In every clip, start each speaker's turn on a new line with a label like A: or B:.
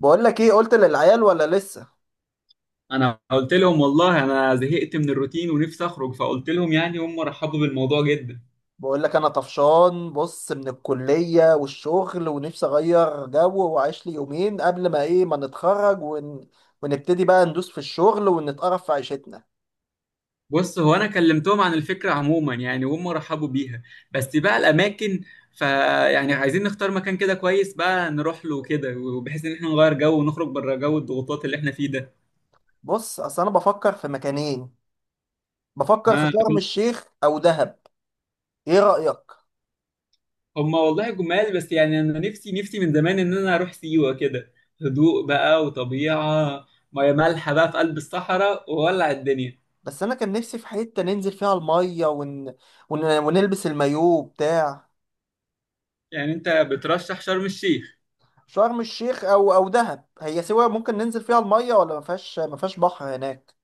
A: بقول لك ايه قلت للعيال ولا لسه؟
B: انا قلت لهم والله انا زهقت من الروتين ونفسي اخرج فقلت لهم هم رحبوا بالموضوع جدا.
A: بقول لك انا طفشان، بص من الكلية والشغل ونفسي اغير جو واعيش لي يومين قبل ما ايه ما نتخرج ونبتدي بقى ندوس في الشغل ونتقرف في عيشتنا.
B: بص هو انا كلمتهم عن الفكره عموما وهم رحبوا بيها، بس بقى الاماكن. فيعني عايزين نختار مكان كده كويس بقى نروح له كده، وبحيث ان احنا نغير جو ونخرج بره جو الضغوطات اللي احنا فيه ده.
A: بص اصل انا بفكر في مكانين، بفكر في
B: ها؟
A: شرم الشيخ او دهب. ايه رأيك؟
B: هم والله جمال، بس انا نفسي من زمان ان انا اروح سيوه كده. هدوء بقى وطبيعه، ميه مالحه بقى في قلب الصحراء وولع الدنيا.
A: بس انا كان نفسي في حتة ننزل فيها المية ونلبس المايوه بتاع.
B: انت بترشح شرم الشيخ؟
A: شرم الشيخ او دهب، هي سوا. ممكن ننزل فيها المية ولا ما فيهاش بحر هناك؟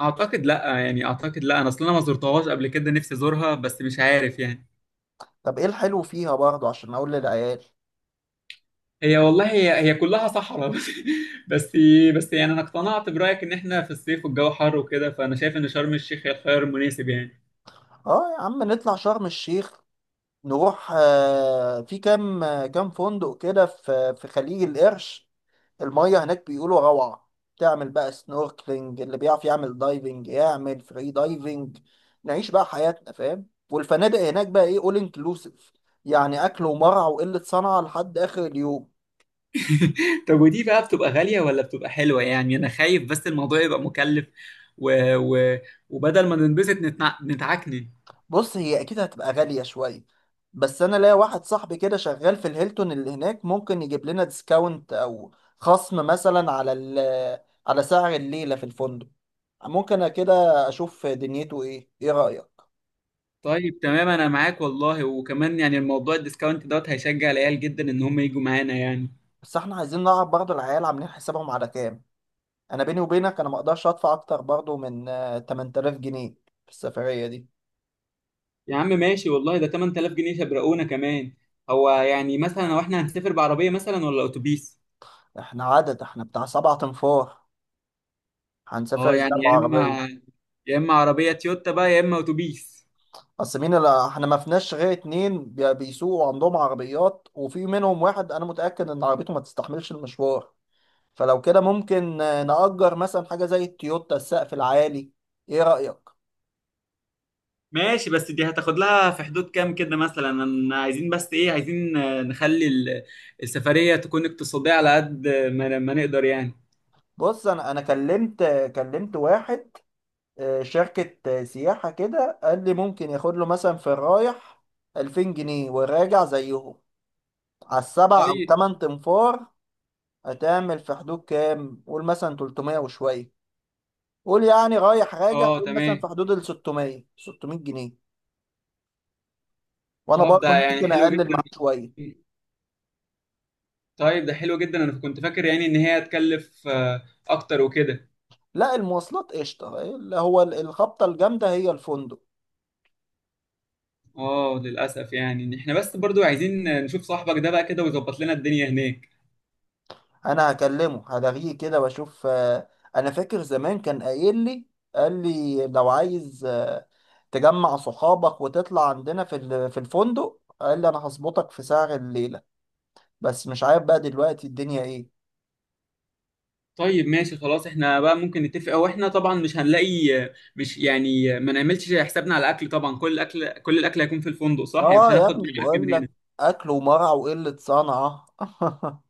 B: اعتقد لا، انا اصلا ما زرتهاش قبل كده، نفسي ازورها بس مش عارف يعني.
A: طب ايه الحلو فيها برضه عشان اقول للعيال؟
B: هي والله هي كلها صحراء بس. بس بس انا اقتنعت برايك ان احنا في الصيف والجو حر وكده، فانا شايف ان شرم الشيخ هي الخيار المناسب يعني.
A: اه يا عم نطلع شرم الشيخ. نروح في كام كام فندق كده في خليج القرش. المية هناك بيقولوا روعة. تعمل بقى سنوركلينج، اللي بيعرف يعمل دايفنج يعمل فري دايفنج. نعيش بقى حياتنا، فاهم، والفنادق هناك بقى ايه اول انكلوسيف. يعني اكل ومرعى وقلة صنعة لحد اخر اليوم.
B: طب ودي بقى بتبقى غاليه ولا بتبقى حلوه؟ انا خايف بس الموضوع يبقى مكلف، و... و... وبدل ما ننبسط نتعكنن.
A: بص هي اكيد هتبقى غالية شوية، بس انا ليا واحد صاحبي كده شغال في الهيلتون اللي هناك ممكن يجيب لنا ديسكاونت او خصم مثلا على على سعر الليلة في الفندق. ممكن أنا كده اشوف دنيته ايه. ايه رأيك؟
B: طيب تمام انا معاك والله، وكمان الموضوع الديسكاونت دوت هيشجع العيال جدا ان هم يجوا معانا يعني.
A: بس احنا عايزين نعرف برضه العيال عاملين حسابهم على كام. انا بيني وبينك انا ما اقدرش ادفع اكتر برضه من 8000 جنيه في السفرية دي.
B: يا عم ماشي والله، ده 8000 جنيه شبرقونا كمان. هو مثلا لو احنا هنسافر بعربيه مثلا ولا اتوبيس؟
A: احنا عدد احنا بتاع سبعة انفار، هنسافر
B: اه يعني،
A: ازاي
B: يا
A: بعربية؟
B: اما يا اما عربيه تويوتا بقى، يا اما اتوبيس.
A: اصل مين اللي احنا ما فيناش غير اتنين بيسوقوا عندهم عربيات، وفي منهم واحد انا متأكد ان عربيته ما تستحملش المشوار. فلو كده ممكن نأجر مثلا حاجة زي التويوتا السقف العالي. ايه رأيك؟
B: ماشي، بس دي هتاخد لها في حدود كام كده مثلا؟ أنا عايزين بس ايه عايزين نخلي السفريه تكون اقتصاديه على قد ما نقدر يعني.
A: بص انا كلمت واحد، شركة سياحة كده، قال لي ممكن ياخد له مثلا في الرايح 2000 جنيه والراجع زيهم، على السبع او
B: طيب.
A: تمن تنفار. هتعمل في حدود كام؟ قول مثلا 300 وشوية، قول يعني رايح راجع
B: اه
A: قول مثلا في
B: تمام.
A: حدود ال 600 600 جنيه، وانا
B: طب
A: برضه
B: ده
A: ممكن
B: حلو
A: اقلل معاك
B: جدا.
A: شويه.
B: طيب ده حلو جدا، انا كنت فاكر ان هي هتكلف اكتر وكده.
A: لا المواصلات قشطه، اللي هو الخبطه الجامده هي الفندق.
B: اه للاسف، إن احنا بس برضو عايزين نشوف صاحبك ده بقى كده ويظبط لنا الدنيا هناك.
A: انا هكلمه هلاغيه كده واشوف. انا فاكر زمان كان قايل لي، قال لي لو عايز تجمع صحابك وتطلع عندنا في الفندق، قال لي انا هظبطك في سعر الليله. بس مش عارف بقى دلوقتي الدنيا ايه.
B: طيب ماشي خلاص، احنا بقى ممكن نتفق او احنا طبعا مش هنلاقي. مش ما نعملش حسابنا على الاكل، طبعا كل الاكل هيكون في الفندق صح يعني، مش
A: اه يا
B: هناخد
A: ابني
B: معانا اكل
A: بقول
B: من
A: لك،
B: هنا.
A: اكل ومرع وقله صنعه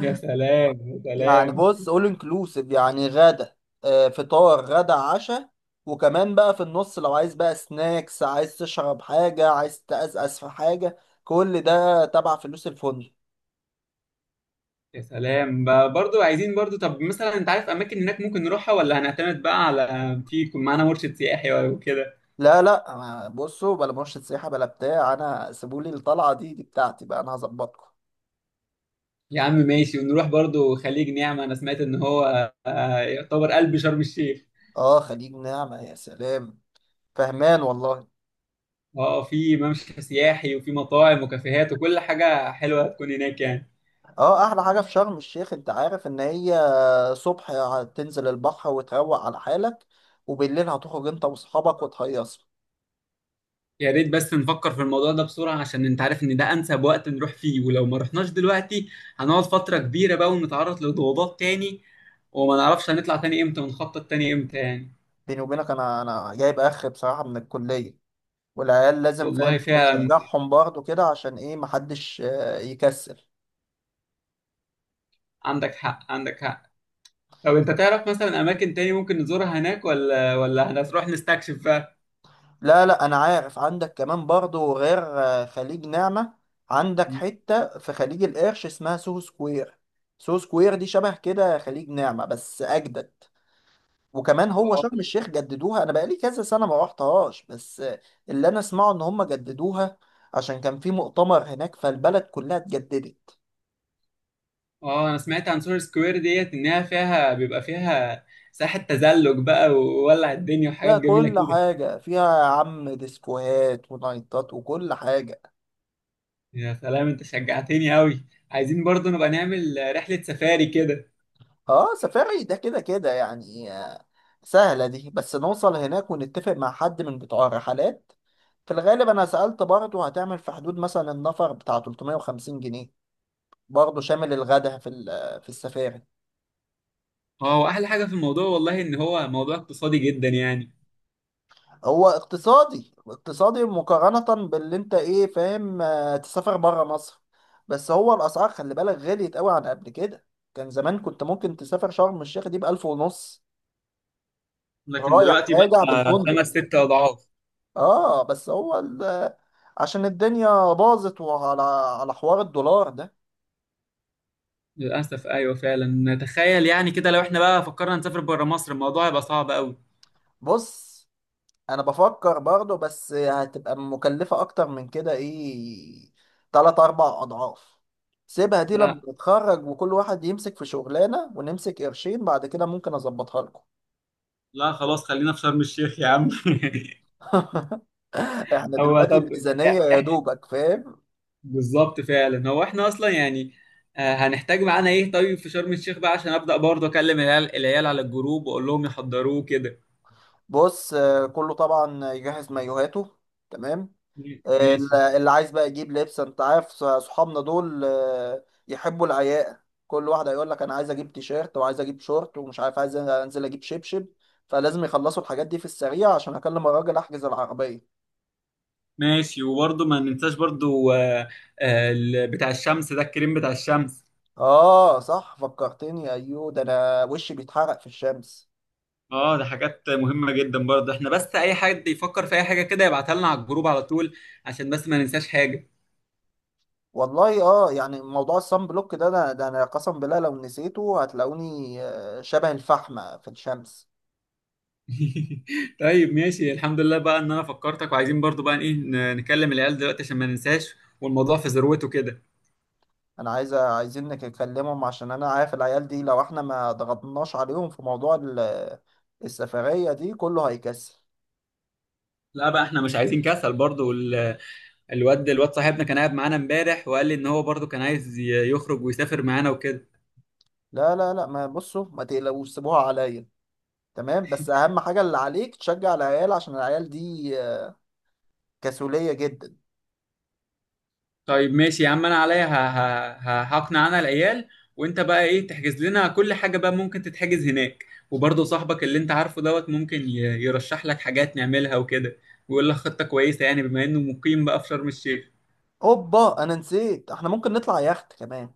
B: يا سلام يا
A: يعني
B: سلام.
A: بص اول انكلوسيف، يعني غدا، فطار غدا عشاء. وكمان بقى في النص لو عايز بقى سناكس، عايز تشرب حاجة، عايز تقزقز في حاجة، كل ده تبع فلوس الفندق.
B: يا سلام بقى، برضو عايزين برضو. طب مثلا انت عارف اماكن هناك ممكن نروحها، ولا هنعتمد بقى على في يكون معانا مرشد سياحي ولا كده؟
A: لا لا، بصوا بلا مرشد سياحة بلا بتاع، انا سيبولي الطلعة دي بتاعتي بقى، انا هظبطكم.
B: يا عم ماشي. ونروح برضو خليج نعمة، انا سمعت ان هو يعتبر قلب شرم الشيخ.
A: اه خليج نعمة، يا سلام، فهمان والله.
B: اه في ممشى سياحي وفي مطاعم وكافيهات وكل حاجة حلوة هتكون هناك يعني.
A: اه احلى حاجة في شرم الشيخ انت عارف ان هي، صبح تنزل البحر وتروق على حالك، وبالليل هتخرج انت واصحابك وتهيصوا.
B: يا ريت بس نفكر في الموضوع ده بسرعة، عشان انت عارف ان ده انسب وقت نروح فيه، ولو ما رحناش دلوقتي هنقعد فترة كبيرة بقى ونتعرض لضغوطات تاني، وما نعرفش هنطلع تاني امتى ونخطط تاني امتى يعني.
A: بيني وبينك انا جايب اخر بصراحه من الكليه، والعيال لازم، فاهم،
B: والله
A: انت
B: فعلا،
A: تشجعهم برضه كده عشان ايه محدش يكسل.
B: عندك حق طب انت تعرف مثلا اماكن تاني ممكن نزورها هناك، ولا هنروح نستكشف بقى؟
A: لا لا، انا عارف عندك كمان برضه غير خليج نعمة، عندك حتة في خليج القرش اسمها سوهو سكوير. سوهو سكوير دي شبه كده خليج نعمة بس اجدد. وكمان هو شرم الشيخ جددوها، انا بقالي كذا سنة ما روحتهاش بس آه، اللي انا اسمعه ان هم جددوها، عشان كان في مؤتمر هناك فالبلد كلها اتجددت.
B: اه انا سمعت عن سور سكوير ديت انها فيها بيبقى فيها ساحة تزلج بقى وولع الدنيا وحاجات
A: لا
B: جميلة
A: كل
B: كده.
A: حاجة فيها يا عم، ديسكوهات ونايتات وكل حاجة.
B: يا سلام، انت شجعتني قوي. عايزين برضه نبقى نعمل رحلة سفاري كده.
A: اه سفاري ده كده كده يعني سهلة دي، بس نوصل هناك ونتفق مع حد من بتوع الرحلات. في الغالب انا سألت برضه، هتعمل في حدود مثلا النفر بتاع 350 جنيه، برضه شامل الغدا في السفاري.
B: اه واحلى حاجة في الموضوع والله ان هو موضوع اقتصادي جدا يعني.
A: هو اقتصادي اقتصادي مقارنة باللي انت ايه فاهم، تسافر برا مصر. بس هو الاسعار خلي بالك غليت قوي عن قبل كده. كان زمان كنت ممكن تسافر شرم الشيخ دي بـ1500
B: لكن
A: رايح
B: دلوقتي
A: راجع
B: بقى
A: بالفندق.
B: خمس ست اضعاف.
A: اه بس هو عشان الدنيا باظت، وعلى على حوار الدولار ده.
B: للاسف ايوه فعلا، تخيل يعني كده لو احنا بقى فكرنا نسافر بره مصر الموضوع هيبقى صعب قوي.
A: بص انا بفكر برضه، بس هتبقى مكلفة اكتر من كده ايه، تلات اربع اضعاف. سيبها دي لما
B: لا،
A: نتخرج وكل واحد يمسك في شغلانة ونمسك قرشين، بعد كده ممكن اظبطها لكم.
B: لا خلاص خلينا في شرم الشيخ يا عم.
A: احنا
B: هو
A: دلوقتي
B: طب
A: الميزانية يا دوبك، فاهم.
B: بالظبط فعلا. هو احنا اصلا يعني هنحتاج معانا ايه طيب في شرم الشيخ بقى، عشان ابدا برضه اكلم العيال على الجروب واقول لهم يحضروه كده.
A: بص كله طبعا يجهز مايوهاته، تمام.
B: ماشي.
A: اللي عايز بقى يجيب لبس، انت عارف صحابنا دول يحبوا العياقة. كل واحد هيقول لك انا عايز اجيب تيشيرت وعايز اجيب شورت، ومش عارف عايز انزل اجيب شبشب. فلازم يخلصوا الحاجات دي في السريع عشان اكلم الراجل احجز العربية.
B: ماشي، وبرضه ما ننساش برضه بتاع الشمس ده، الكريم بتاع الشمس.
A: اه صح فكرتني، ايوه، ده انا وشي بيتحرق في الشمس.
B: اه ده حاجات مهمة جدا برضه، احنا بس اي حد يفكر في اي حاجة كده يبعتها لنا على الجروب على طول عشان بس ما ننساش حاجة.
A: والله اه يعني موضوع الصن بلوك ده، انا قسم بالله لو نسيته هتلاقوني شبه الفحمة في الشمس.
B: طيب ماشي الحمد لله بقى ان انا فكرتك. وعايزين برضه بقى ايه نكلم العيال دلوقتي عشان ما ننساش والموضوع في ذروته كده.
A: انا عايزين نكلمهم عشان انا عارف العيال دي لو احنا ما ضغطناش عليهم في موضوع السفرية دي كله هيكسل.
B: لا بقى احنا مش عايزين كسل برضو، الواد صاحبنا كان قاعد معانا امبارح وقال لي ان هو برضو كان عايز يخرج ويسافر معانا وكده.
A: لا لا لا، ما بصوا ما تقلقوش، سيبوها عليا. تمام، بس اهم حاجة اللي عليك تشجع العيال عشان العيال دي كسولية جدا.
B: طيب ماشي يا عم، انا عليا هقنع انا العيال، وانت بقى ايه تحجز لنا كل حاجة بقى ممكن تتحجز هناك. وبرضو صاحبك اللي انت عارفه دوت ممكن يرشح لك حاجات نعملها وكده، ويقول لك خطة كويسة يعني بما انه مقيم بقى في شرم الشيخ.
A: اوبا انا نسيت، احنا ممكن نطلع يخت كمان.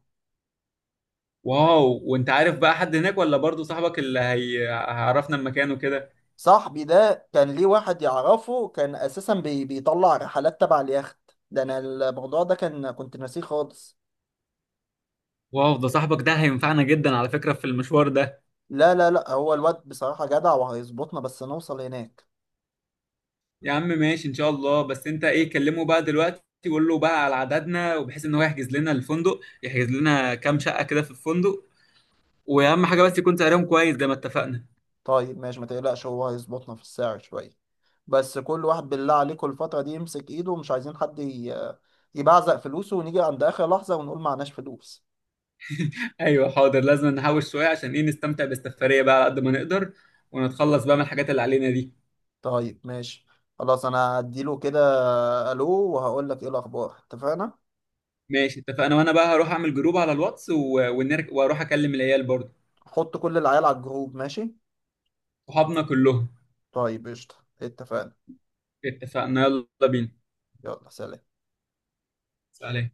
B: واو. وانت عارف بقى حد هناك ولا برضو صاحبك اللي هيعرفنا المكان وكده؟
A: صاحبي ده كان ليه واحد يعرفه، كان اساسا بيطلع رحلات تبع اليخت ده، انا الموضوع ده كان كنت ناسيه خالص.
B: واو، ده صاحبك ده هينفعنا جدا على فكرة في المشوار ده.
A: لا لا لا، هو الواد بصراحة جدع وهيظبطنا بس نوصل هناك.
B: يا عم ماشي ان شاء الله، بس انت ايه كلمه بقى دلوقتي وقول له بقى على عددنا، وبحيث ان هو يحجز لنا الفندق، يحجز لنا كام شقة كده في الفندق. واهم حاجة بس يكون سعرهم كويس زي ما اتفقنا.
A: طيب ماشي ما تقلقش، هو هيظبطنا في السعر شوية. بس كل واحد بالله عليكم الفترة دي يمسك ايده، ومش عايزين حد يبعزق فلوسه ونيجي عند آخر لحظة ونقول معناش فلوس.
B: ايوه حاضر، لازم نحوش شوية عشان ايه نستمتع بالسفرية بقى على قد ما نقدر، ونتخلص بقى من الحاجات اللي علينا دي.
A: طيب ماشي، خلاص انا هديله كده. الو، وهقول لك ايه الاخبار، اتفقنا.
B: ماشي اتفقنا، وانا بقى هروح اعمل جروب على الواتس واروح اكلم العيال برضه.
A: حط كل العيال على الجروب، ماشي.
B: صحابنا كلهم.
A: طيب قشطة، اتفقنا.
B: اتفقنا، يلا بينا.
A: يلا سلام.
B: سلام.